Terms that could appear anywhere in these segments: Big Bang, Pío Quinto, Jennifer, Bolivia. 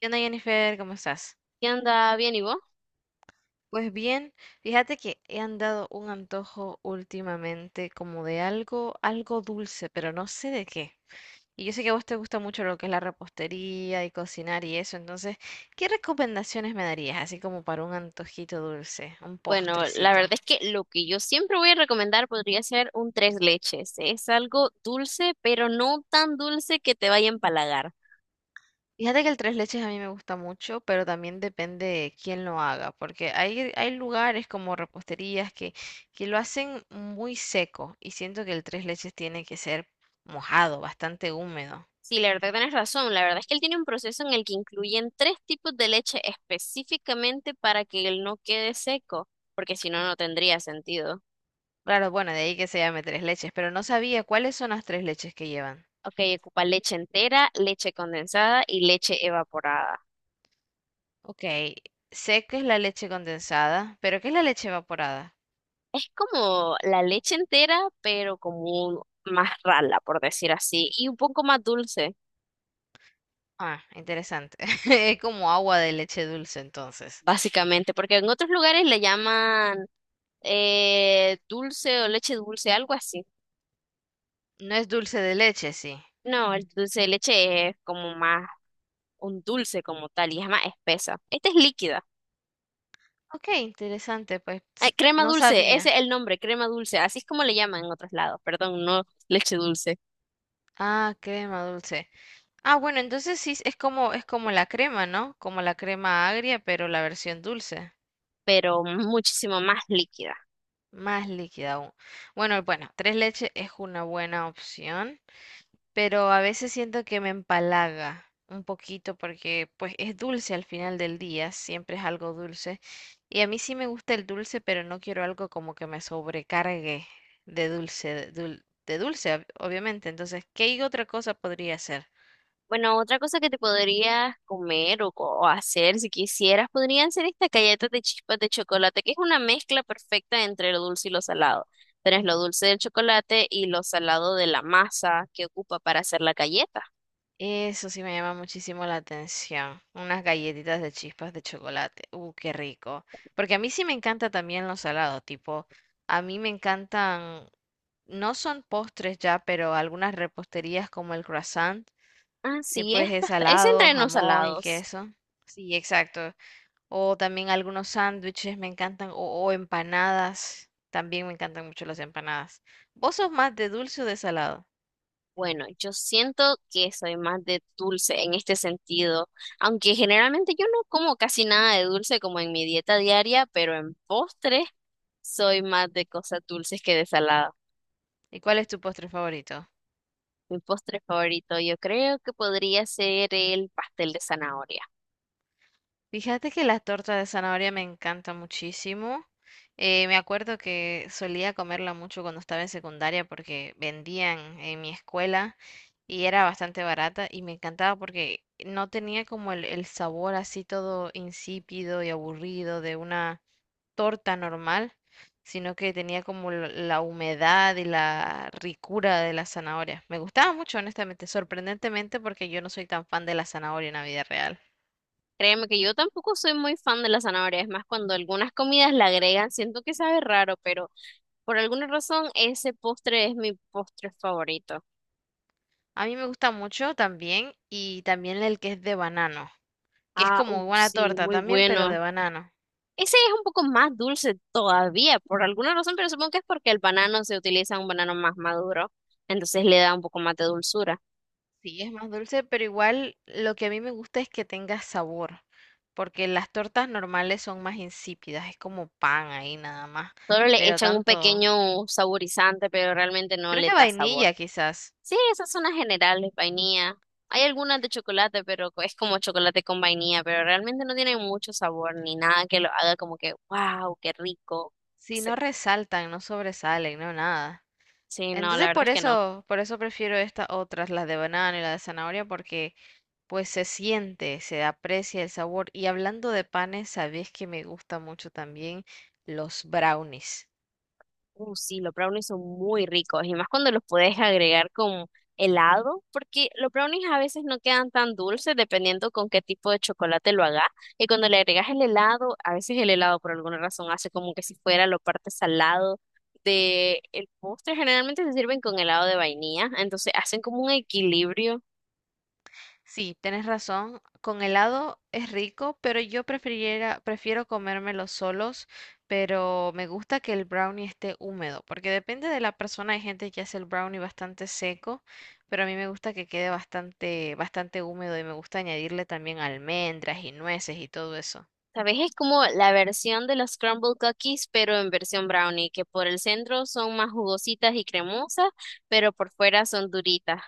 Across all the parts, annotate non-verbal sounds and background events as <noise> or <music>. ¿Qué onda, Jennifer? ¿Cómo estás? ¿Qué anda bien y vos? Pues bien, fíjate que he andado un antojo últimamente como de algo, algo dulce, pero no sé de qué. Y yo sé que a vos te gusta mucho lo que es la repostería y cocinar y eso, entonces, ¿qué recomendaciones me darías así como para un antojito dulce, un Bueno, la verdad postrecito? es que lo que yo siempre voy a recomendar podría ser un tres leches. Es algo dulce, pero no tan dulce que te vaya a empalagar. Fíjate que el tres leches a mí me gusta mucho, pero también depende de quién lo haga, porque hay lugares como reposterías que lo hacen muy seco y siento que el tres leches tiene que ser mojado, bastante húmedo. Sí, la verdad tenés razón. La verdad es que él tiene un proceso en el que incluyen tres tipos de leche específicamente para que él no quede seco, porque si no, no tendría sentido. Claro, bueno, de ahí que se llame tres leches, pero no sabía cuáles son las tres leches que llevan. Ok, ocupa leche entera, leche condensada y leche evaporada. Ok, sé que es la leche condensada, pero ¿qué es la leche evaporada? Es como la leche entera, pero como más rala, por decir así, y un poco más dulce. Ah, interesante. <laughs> Es como agua de leche dulce entonces. Básicamente, porque en otros lugares le llaman dulce o leche dulce, algo así. No es dulce de leche, sí. No, el dulce de leche es como más un dulce como tal y es más espesa. Esta es líquida. Ok, interesante, Ay, crema no dulce, ese sabía. es el nombre, crema dulce, así es como le llaman en otros lados, perdón, no leche dulce, Ah, crema dulce. Ah, bueno, entonces sí es como la crema, ¿no? Como la crema agria, pero la versión dulce, pero muchísimo más líquida. más líquida aún. Bueno, bueno, tres leches es una buena opción, pero a veces siento que me empalaga un poquito porque pues es dulce al final del día, siempre es algo dulce. Y a mí sí me gusta el dulce, pero no quiero algo como que me sobrecargue de dulce, de dulce, obviamente. Entonces, ¿qué otra cosa podría hacer? Bueno, otra cosa que te podrías comer o hacer si quisieras, podrían ser estas galletas de chispas de chocolate, que es una mezcla perfecta entre lo dulce y lo salado. Tenés lo dulce del chocolate y lo salado de la masa que ocupa para hacer la galleta. Eso sí me llama muchísimo la atención. Unas galletitas de chispas de chocolate. Qué rico. Porque a mí sí me encanta también los salados, tipo, a mí me encantan, no son postres ya, pero algunas reposterías como el croissant, que Así es, pues es es salado, entre los jamón y salados. queso. Sí, exacto. O también algunos sándwiches me encantan, o empanadas. También me encantan mucho las empanadas. ¿Vos sos más de dulce o de salado? Bueno, yo siento que soy más de dulce en este sentido, aunque generalmente yo no como casi nada de dulce como en mi dieta diaria, pero en postres soy más de cosas dulces que de salado. ¿Y cuál es tu postre favorito? Mi postre favorito yo creo que podría ser el pastel de zanahoria. Fíjate que la torta de zanahoria me encanta muchísimo. Me acuerdo que solía comerla mucho cuando estaba en secundaria porque vendían en mi escuela y era bastante barata y me encantaba porque no tenía como el sabor así todo insípido y aburrido de una torta normal, sino que tenía como la humedad y la ricura de la zanahoria. Me gustaba mucho, honestamente, sorprendentemente porque yo no soy tan fan de la zanahoria en la vida real. Créeme que yo tampoco soy muy fan de la zanahoria, es más, cuando algunas comidas la agregan, siento que sabe raro, pero por alguna razón ese postre es mi postre favorito. A mí me gusta mucho también y también el que es de banano, que es Ah, como una sí, torta muy también, pero de bueno. banano. Ese es un poco más dulce todavía, por alguna razón, pero supongo que es porque el banano se utiliza un banano más maduro, entonces le da un poco más de dulzura. Sí, es más dulce, pero igual lo que a mí me gusta es que tenga sabor, porque las tortas normales son más insípidas, es como pan ahí nada más, Solo le pero echan un tanto, pequeño saborizante, pero realmente no creo le que da sabor. vainilla quizás, Sí, esas son las generales, vainilla. Hay algunas de chocolate, pero es como chocolate con vainilla, pero realmente no tiene mucho sabor ni nada que lo haga como que, wow, qué rico. si Sí, no resaltan, no sobresalen, no nada. sí, no, la Entonces verdad es que no. Por eso prefiero estas otras, las de banano y la de zanahoria, porque pues se siente, se aprecia el sabor. Y hablando de panes, sabes que me gusta mucho también los brownies. Sí, los brownies son muy ricos y más cuando los puedes agregar con helado, porque los brownies a veces no quedan tan dulces dependiendo con qué tipo de chocolate lo hagas. Y cuando le agregas el helado, a veces el helado por alguna razón hace como que si fuera lo parte salado de el postre. Generalmente se sirven con helado de vainilla, entonces hacen como un equilibrio. Sí, tienes razón. Con helado es rico, pero prefiero comérmelos solos, pero me gusta que el brownie esté húmedo, porque depende de la persona. Hay gente que hace el brownie bastante seco, pero a mí me gusta que quede bastante, bastante húmedo y me gusta añadirle también almendras y nueces y todo eso. ¿Sabes? Es como la versión de los crumble cookies, pero en versión brownie, que por el centro son más jugositas y cremosas, pero por fuera son duritas.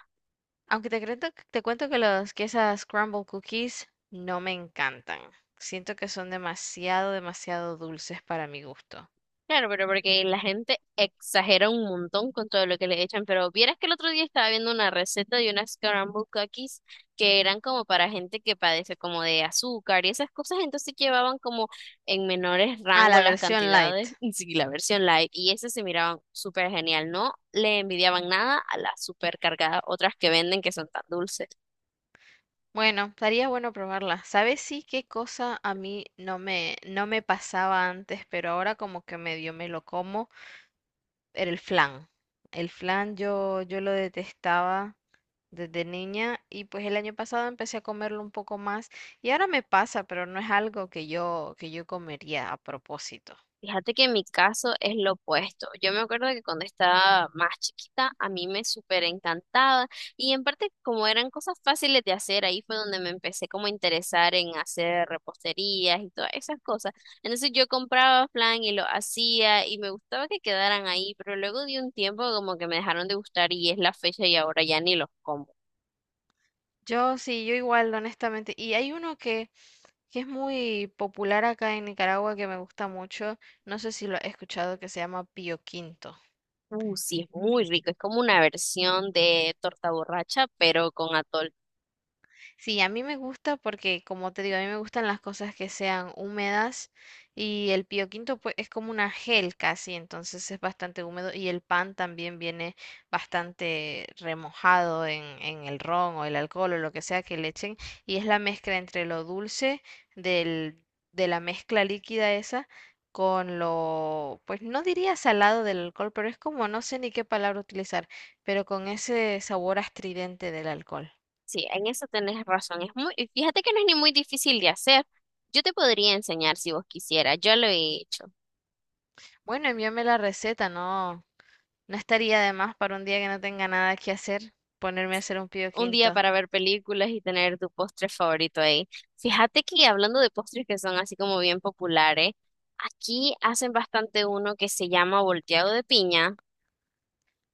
Aunque te cuento que esas crumble cookies no me encantan. Siento que son demasiado, demasiado dulces para mi gusto. Claro, pero porque la gente exagera un montón con todo lo que le echan, pero vieras que el otro día estaba viendo una receta de unas scrambled cookies que eran como para gente que padece como de azúcar y esas cosas, entonces llevaban como en menores Ah, rangos la las versión light. cantidades, <laughs> y sí, la versión light, y esas se miraban súper genial, no le envidiaban nada a las súper cargadas otras que venden que son tan dulces. Bueno, estaría bueno probarla. ¿Sabes sí qué cosa a mí no me pasaba antes, pero ahora como que medio me lo como? Era el flan. El flan yo lo detestaba desde niña y pues el año pasado empecé a comerlo un poco más y ahora me pasa, pero no es algo que yo comería a propósito. Fíjate que en mi caso es lo opuesto. Yo me acuerdo que cuando estaba más chiquita, a mí me súper encantaba y en parte como eran cosas fáciles de hacer, ahí fue donde me empecé como a interesar en hacer reposterías y todas esas cosas. Entonces yo compraba flan y lo hacía y me gustaba que quedaran ahí, pero luego de un tiempo como que me dejaron de gustar y es la fecha y ahora ya ni los como. Yo sí, yo igual, honestamente. Y hay uno que es muy popular acá en Nicaragua que me gusta mucho. No sé si lo has escuchado, que se llama Pío Quinto. Sí, es muy rico, es como una versión de torta borracha, pero con atol. Sí, a mí me gusta porque, como te digo, a mí me gustan las cosas que sean húmedas y el pio quinto pues es como una gel casi, entonces es bastante húmedo y el pan también viene bastante remojado en el ron o el alcohol o lo que sea que le echen y es la mezcla entre lo dulce del, de la mezcla líquida esa con lo, pues no diría salado del alcohol, pero es como, no sé ni qué palabra utilizar, pero con ese sabor astridente del alcohol. Sí, en eso tenés razón. Es muy, y fíjate que no es ni muy difícil de hacer. Yo te podría enseñar si vos quisieras. Yo lo he hecho. Bueno, envíame la receta, no, no estaría de más para un día que no tenga nada que hacer, ponerme a hacer un pío Un día quinto. para ver películas y tener tu postre favorito ahí. Fíjate que hablando de postres que son así como bien populares, aquí hacen bastante uno que se llama volteado de piña.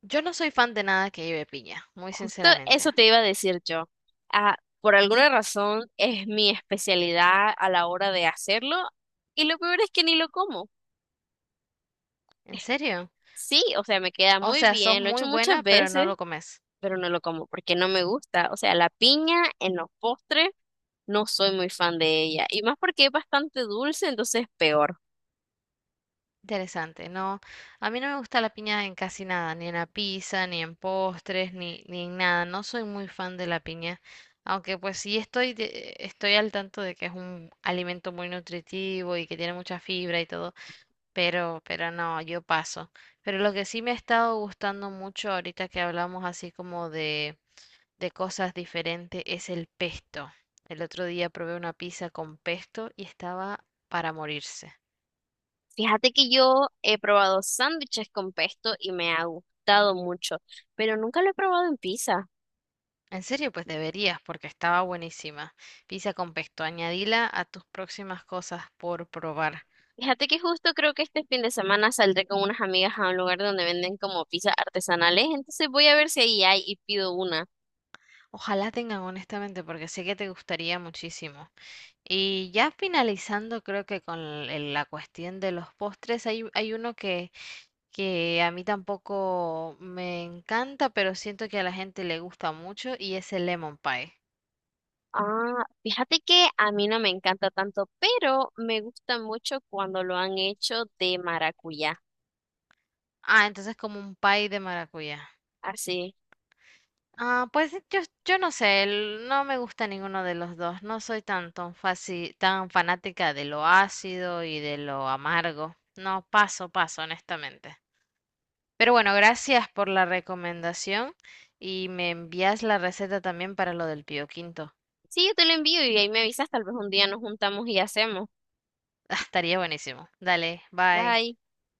Yo no soy fan de nada que lleve piña, muy Justo sinceramente. eso te iba a decir yo. Ah, por alguna razón es mi especialidad a la hora de hacerlo y lo peor es que ni lo como. ¿En serio? Sí, o sea, me queda O muy sea, sos bien, lo he muy hecho muchas buena, pero veces no lo comes. pero no lo como porque no me gusta. O sea, la piña en los postres no soy muy fan de ella. Y más porque es bastante dulce, entonces peor. Interesante, no, a mí no me gusta la piña en casi nada, ni en la pizza, ni en postres, ni, ni en nada. No soy muy fan de la piña, aunque pues sí estoy al tanto de que es un alimento muy nutritivo y que tiene mucha fibra y todo. Pero no, yo paso. Pero lo que sí me ha estado gustando mucho ahorita que hablamos así como de cosas diferentes es el pesto. El otro día probé una pizza con pesto y estaba para morirse. Fíjate que yo he probado sándwiches con pesto y me ha gustado mucho, pero nunca lo he probado en pizza. En serio, pues deberías, porque estaba buenísima. Pizza con pesto, añadila a tus próximas cosas por probar. Fíjate que justo creo que este fin de semana saldré con unas amigas a un lugar donde venden como pizzas artesanales, entonces voy a ver si ahí hay y pido una. Ojalá tengan honestamente, porque sé que te gustaría muchísimo. Y ya finalizando, creo que con la cuestión de los postres, hay uno que a mí tampoco me encanta, pero siento que a la gente le gusta mucho y es el lemon pie. Ah, fíjate que a mí no me encanta tanto, pero me gusta mucho cuando lo han hecho de maracuyá. Ah, entonces como un pie de maracuyá. Así. Ah, pues sí, yo no sé, no me gusta ninguno de los dos. No soy tan, tan fácil, tan fanática de lo ácido y de lo amargo. No, paso, paso, honestamente. Pero bueno, gracias por la recomendación y me envías la receta también para lo del pio quinto. Sí, yo te lo envío y ahí me avisas, tal vez un día nos juntamos y hacemos. <laughs> Estaría buenísimo. Dale, bye. Bye.